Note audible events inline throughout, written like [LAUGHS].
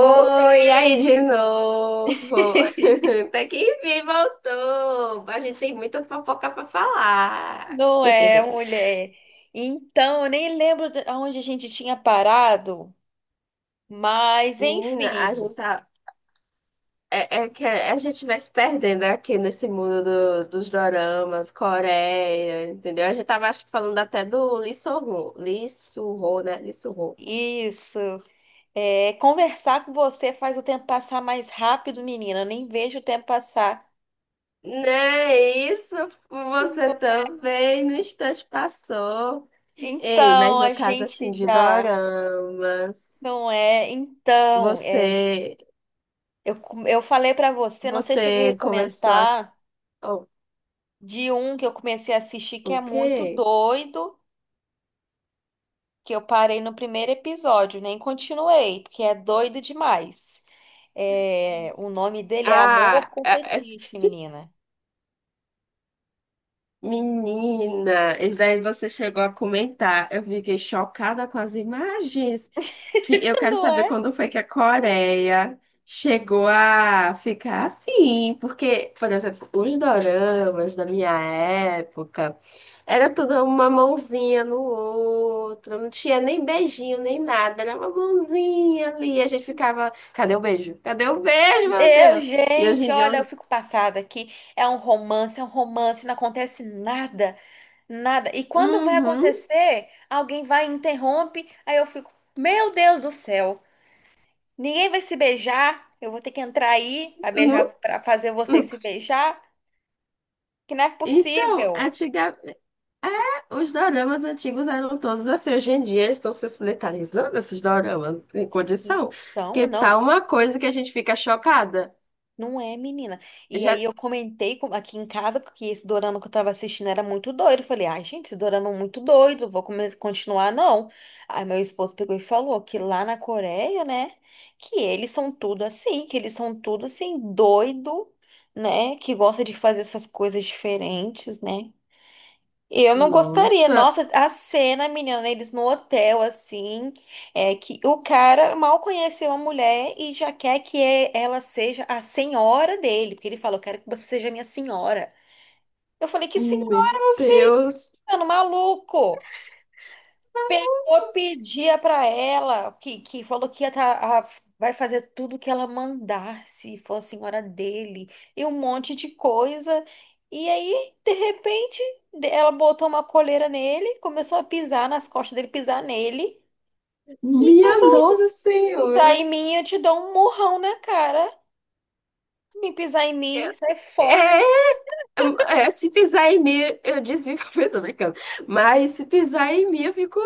Voltei, aí de novo. [LAUGHS] Até que enfim voltou. A gente tem muitas fofocas para falar. não [LAUGHS] é, mulher. Então, eu nem lembro aonde a gente tinha parado, mas Menina, a enfim, gente tá. É que a gente vai se perdendo aqui nesse mundo dos doramas, Coreia, entendeu? A gente tava acho, que falando até do Lee Soo-ho, né? Lee Soo-ho. isso. É, conversar com você faz o tempo passar mais rápido, menina. Eu nem vejo o tempo passar. Né, isso você também no instante passou. Ei, mas Então, no a caso assim gente de já doramas. não é. Então, é, Você, eu falei pra você, não sei se cheguei a você começou a. comentar, Oh, de um que eu comecei a assistir que o é muito quê? doido, que eu parei no primeiro episódio, nem continuei, porque é doido demais. É, o nome dele é Amor Ah, com Fetiche, menina. menina, isso daí você chegou a comentar. Eu fiquei chocada com as imagens. Que eu quero Não saber é? quando foi que a Coreia chegou a ficar assim, porque, por exemplo, os doramas da minha época era tudo uma mãozinha no outro, não tinha nem beijinho, nem nada, era uma mãozinha ali, a gente ficava, cadê o beijo? Cadê o beijo, meu Eu, Deus? E hoje gente, em dia, olha, eu eu... fico passada aqui. É um romance, não acontece nada, nada. E quando vai Uhum, acontecer, alguém vai e interrompe, aí eu fico, meu Deus do céu, ninguém vai se beijar. Eu vou ter que entrar aí para não, beijar, para fazer vocês não. se beijar, que não é Então, possível. antiga, é, os doramas antigos eram todos assim. Hoje em dia eles estão se solidarizando, esses doramas, não condição. Então, Que não. tá uma coisa que a gente fica chocada. Não é, menina. E Já... aí eu aqui em casa que esse dorama que eu tava assistindo era muito doido. Eu falei, ai, gente, esse dorama é muito doido, continuar, não. Aí meu esposo pegou e falou que lá na Coreia, né, que eles são tudo assim, que eles são tudo assim, doido, né, que gosta de fazer essas coisas diferentes, né. Eu não gostaria. Nossa, Nossa, a cena, menina, eles no hotel, assim, é que o cara mal conheceu a mulher e já quer que ela seja a senhora dele, porque ele falou, quero que você seja minha senhora. Eu falei, que senhora, meu meu Deus, filho, maluco? Pegou, pedia pra ela, que falou que vai fazer tudo que ela mandar, se for a senhora dele, e um monte de coisa. E aí, de repente, ela botou uma coleira nele, começou a pisar nas costas dele, pisar nele. E minha Nossa pisar em Senhora. mim, eu te dou um murrão na cara. Me pisar em É, mim, sai fora. é, é, se pisar em mim, eu desvio [LAUGHS] pra pessoa brincando. Mas se pisar em mim, eu fico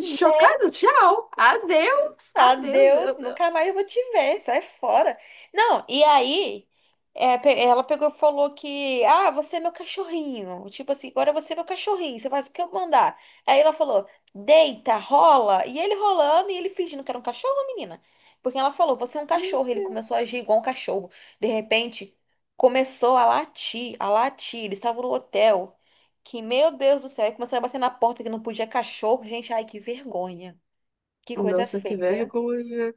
chocada. Tchau, adeus, adeus. Adeus, nunca mais eu vou te ver, sai fora. Não, e aí, é, ela pegou e falou que, ah, você é meu cachorrinho. Tipo assim, agora você é meu cachorrinho, você faz o que eu mandar. Aí ela falou, deita, rola. E ele rolando e ele fingindo que era um cachorro, menina. Porque ela falou, você é um Meu cachorro. Ele começou a Deus. agir igual um cachorro. De repente, começou a latir, a latir. Eles estavam no hotel. Que, meu Deus do céu, aí começou a bater na porta que não podia cachorro. Gente, ai, que vergonha. Que coisa Nossa, que feia. vergonha.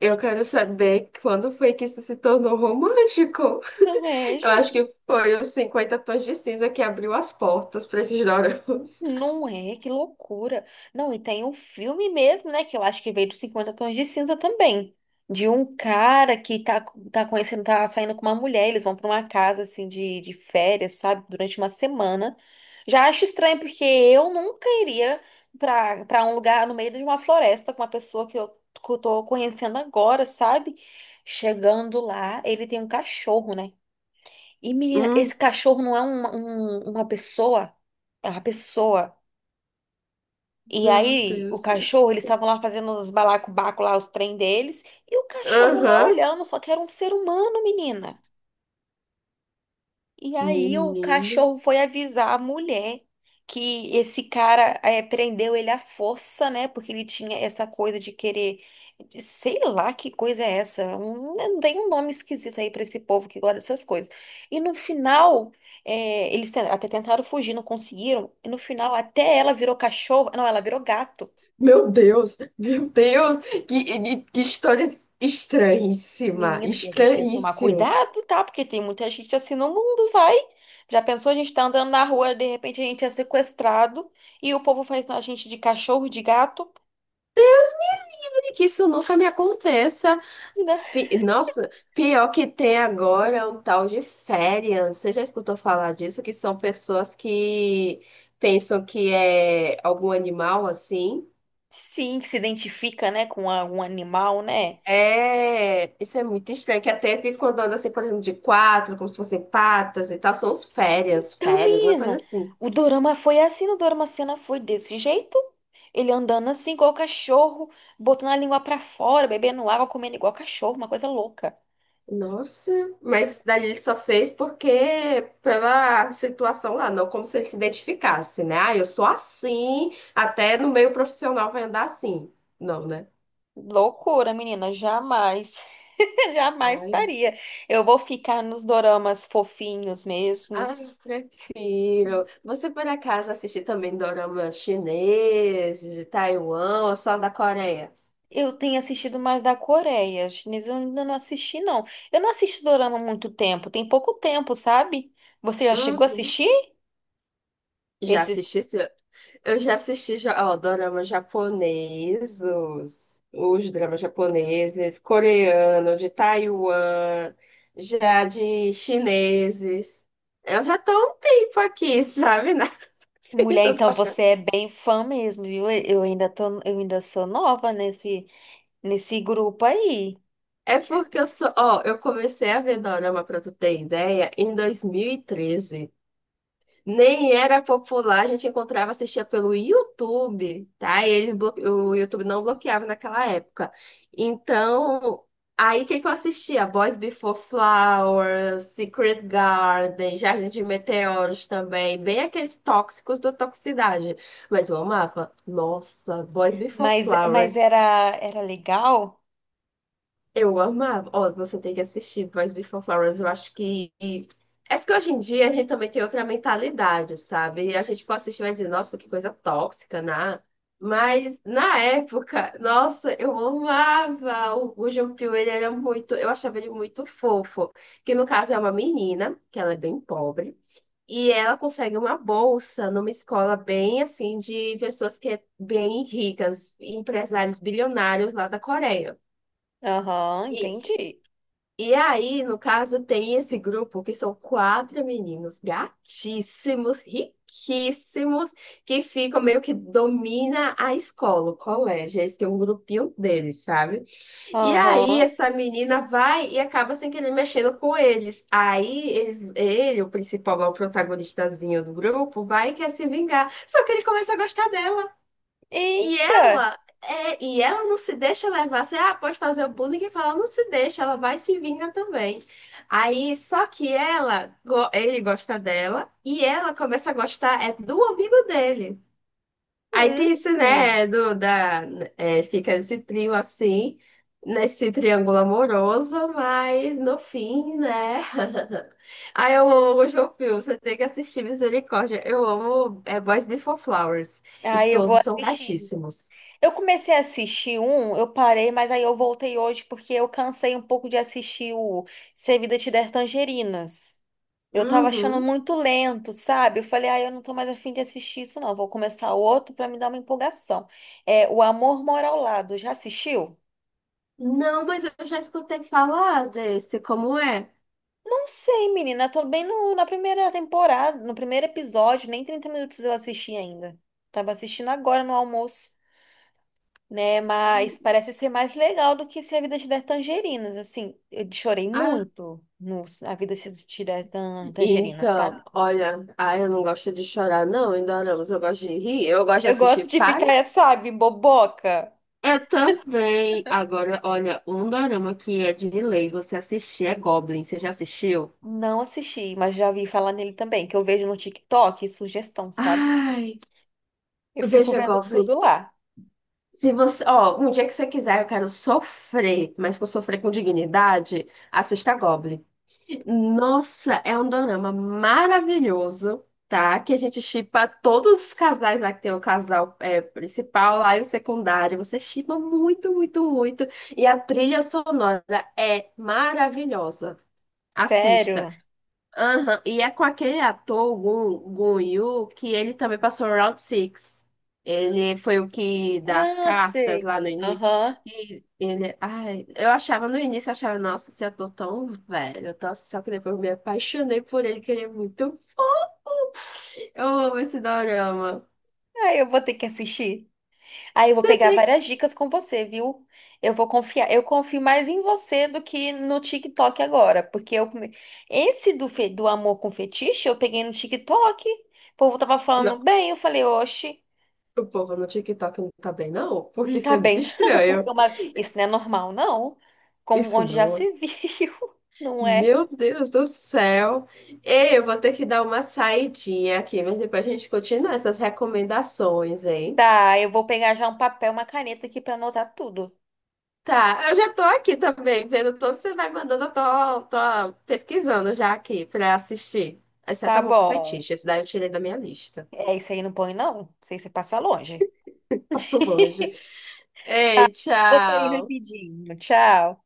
Eu quero saber quando foi que isso se tornou romântico. Não é, Eu acho gente? que foi os 50 Tons de Cinza que abriu as portas para esses doramas. Não é, que loucura. Não, e tem um filme mesmo, né? Que eu acho que veio dos Cinquenta Tons de Cinza também. De um cara que tá conhecendo, tá saindo com uma mulher, eles vão pra uma casa assim de férias, sabe? Durante uma semana. Já acho estranho, porque eu nunca iria pra um lugar no meio de uma floresta com uma pessoa que eu tô conhecendo agora, sabe? Chegando lá, ele tem um cachorro, né? E menina, Hum, esse cachorro não é uma pessoa, é uma pessoa. E meu aí, o Deus. cachorro, eles estavam lá fazendo os balacobaco lá, os trem deles, e o cachorro lá Aham. olhando, só que era um ser humano, menina. E aí o Menino. cachorro foi avisar a mulher que esse cara prendeu ele à força, né? Porque ele tinha essa coisa de querer, sei lá que coisa é essa. Um, não tem um nome esquisito aí pra esse povo que gosta dessas coisas. E no final até tentaram fugir, não conseguiram. E no final até ela virou cachorro, não, ela virou gato. Meu Deus. Meu Deus. Que história estranhíssima. Menina, e a gente tem que tomar Estranhíssima. cuidado, tá? Porque tem muita gente assim no mundo, vai. Já pensou, a gente tá andando na rua, de repente a gente é sequestrado e o povo faz a gente de cachorro, de gato, E que isso nunca me aconteça. né? Pi- Nossa, pior que tem agora é um tal de férias. Você já escutou falar disso? Que são pessoas que pensam que é algum animal assim. Sim, que se identifica, né, com algum animal, né? É, isso é muito estranho, que até ficam andando assim, por exemplo, de quatro, como se fossem patas e tal. São os férias, Então, férias, uma menina, coisa assim. o dorama foi assim, o dorama cena foi desse jeito. Ele andando assim, igual cachorro, botando a língua pra fora, bebendo água, comendo igual cachorro, uma coisa louca. Nossa, mas isso daí ele só fez porque pela situação lá, não como se ele se identificasse, né? Ah, eu sou assim, até no meio profissional vai andar assim. Não, né? Loucura, menina, jamais, [LAUGHS] jamais Ai, faria. Eu vou ficar nos doramas fofinhos mesmo. ai, prefiro. Você por acaso assiste também doramas chineses, de Taiwan ou só da Coreia? Eu tenho assistido mais da Coreia, chinês eu ainda não assisti, não. Eu não assisto dorama há muito tempo, tem pouco tempo, sabe? Você já chegou a Uhum. assistir? Já Esses... assisti, eu já assisti já, ó, doramas japoneses, os dramas japoneses, coreano, de Taiwan, já de chineses. Eu já tô há um tempo aqui, [LAUGHS] sabe, na Mulher, vida. então você [LAUGHS] é bem fã mesmo, viu? Eu ainda tô, eu ainda sou nova nesse grupo aí. É porque eu sou. Ó, eu comecei a ver dorama, pra tu ter ideia, em 2013. Nem era popular, a gente encontrava, assistia pelo YouTube, tá? E eles o YouTube não bloqueava naquela época. Então, aí o que que eu assistia? Boys Before Flowers, Secret Garden, Jardim de Meteoros também, bem aqueles tóxicos do Toxicidade. Mas eu amava. Nossa, Boys Before Mas Flowers. Era legal? Eu amava. Ó, você tem que assistir Boys Before Flowers. Eu acho que. É porque hoje em dia a gente também tem outra mentalidade, sabe? E a gente pode assistir e vai dizer, nossa, que coisa tóxica, né? Mas na época, nossa, eu amava o Jean-Pierre, ele era muito. Eu achava ele muito fofo. Que no caso é uma menina, que ela é bem pobre. E ela consegue uma bolsa numa escola bem assim de pessoas que é bem ricas, empresários bilionários lá da Coreia. Aham, E entendi. e aí, no caso, tem esse grupo que são quatro meninos gatíssimos, riquíssimos, que ficam meio que domina a escola, o colégio. Eles têm um grupinho deles, sabe? E aí, Aham. essa menina vai e acaba sem querer mexendo com eles. Aí, eles, ele, o principal, lá, o protagonistazinho do grupo, vai e quer se vingar. Só que ele começa a gostar dela. E Eita! ela, é, e ela não se deixa levar. Você, ah, pode fazer o bullying e falar, não se deixa, ela vai se vingar também. Aí, só que ela, ele gosta dela e ela começa a gostar é do amigo dele. Aí tem isso, Hum. né, do, da, é, fica esse trio assim, nesse triângulo amoroso, mas no fim, né? [LAUGHS] Aí eu amo João Pio, você tem que assistir Misericórdia. Eu amo é, Boys Before Flowers e Aí eu vou todos são assistir. gatíssimos. Eu comecei a assistir um, eu parei, mas aí eu voltei hoje porque eu cansei um pouco de assistir o Se a Vida Te Der Tangerinas. Eu tava achando Uhum. muito lento, sabe? Eu falei, ah, eu não tô mais afim de assistir isso, não. Vou começar outro pra me dar uma empolgação. É O Amor Mora ao Lado. Já assistiu? Não, mas eu já escutei falar desse, como é? Não sei, menina. Eu tô bem na primeira temporada, no primeiro episódio, nem 30 minutos eu assisti ainda. Tava assistindo agora no almoço, né? Mas Hum. parece ser mais legal do que Se a Vida Te Der Tangerinas, assim. Eu chorei Ah, muito no A Vida Te Der Tangerinas, sabe? então, olha, ah, eu não gosto de chorar, não, em doramas, eu gosto de rir, eu gosto de Eu gosto assistir de Pare. ficar, sabe, boboca. Eu também. Agora, olha, um dorama que é de lei, você assistir é Goblin, você já assistiu? Não assisti, mas já vi falar nele também, que eu vejo no TikTok, sugestão, sabe? Ai, Eu fico veja vendo Goblin. tudo lá. Se você, ó, um dia que você quiser, eu quero sofrer, mas que eu sofrer com dignidade, assista Goblin. Nossa, é um dorama maravilhoso, tá? Que a gente shippa todos os casais lá, que tem o casal é, principal lá e o secundário. Você shippa muito, muito, muito. E a trilha sonora é maravilhosa. Assista. Sério? Aham, e é com aquele ator, o Gun Yu, que ele também passou no Round Six. Ele foi o que das Ah, cartas sei. lá no início. Aham. E ele, ai, eu achava no início, eu achava, nossa, esse ator tão velho, tão... só que depois eu me apaixonei por ele, queria muito. Eu amo esse dorama. Ah, eu vou ter que assistir. Aí eu vou Você pegar tem que. várias dicas com você, viu? Eu vou confiar. Eu confio mais em você do que no TikTok agora, porque esse do amor com fetiche eu peguei no TikTok. O povo tava falando Não, bem, eu falei, oxe, o povo no TikTok não tá bem, não, porque não isso tá é muito bem [LAUGHS] não, porque estranho. Isso não é normal não. Com Isso onde já não. É se viu, [LAUGHS] não é? meu Deus do céu. Ei, eu vou ter que dar uma saidinha aqui, mas depois a gente continua essas recomendações, hein? Tá, eu vou pegar já um papel, uma caneta aqui pra anotar tudo. Tá, eu já tô aqui também, vendo tudo que você vai mandando, eu tô, tô pesquisando já aqui pra assistir. Exceto Tá Amor com bom. Fetiche, esse daí eu tirei da minha lista. É isso aí, não põe não. Isso aí você passa longe. [LAUGHS] Passo longe. [LAUGHS] Ei, Vou sair tchau. rapidinho. Tchau.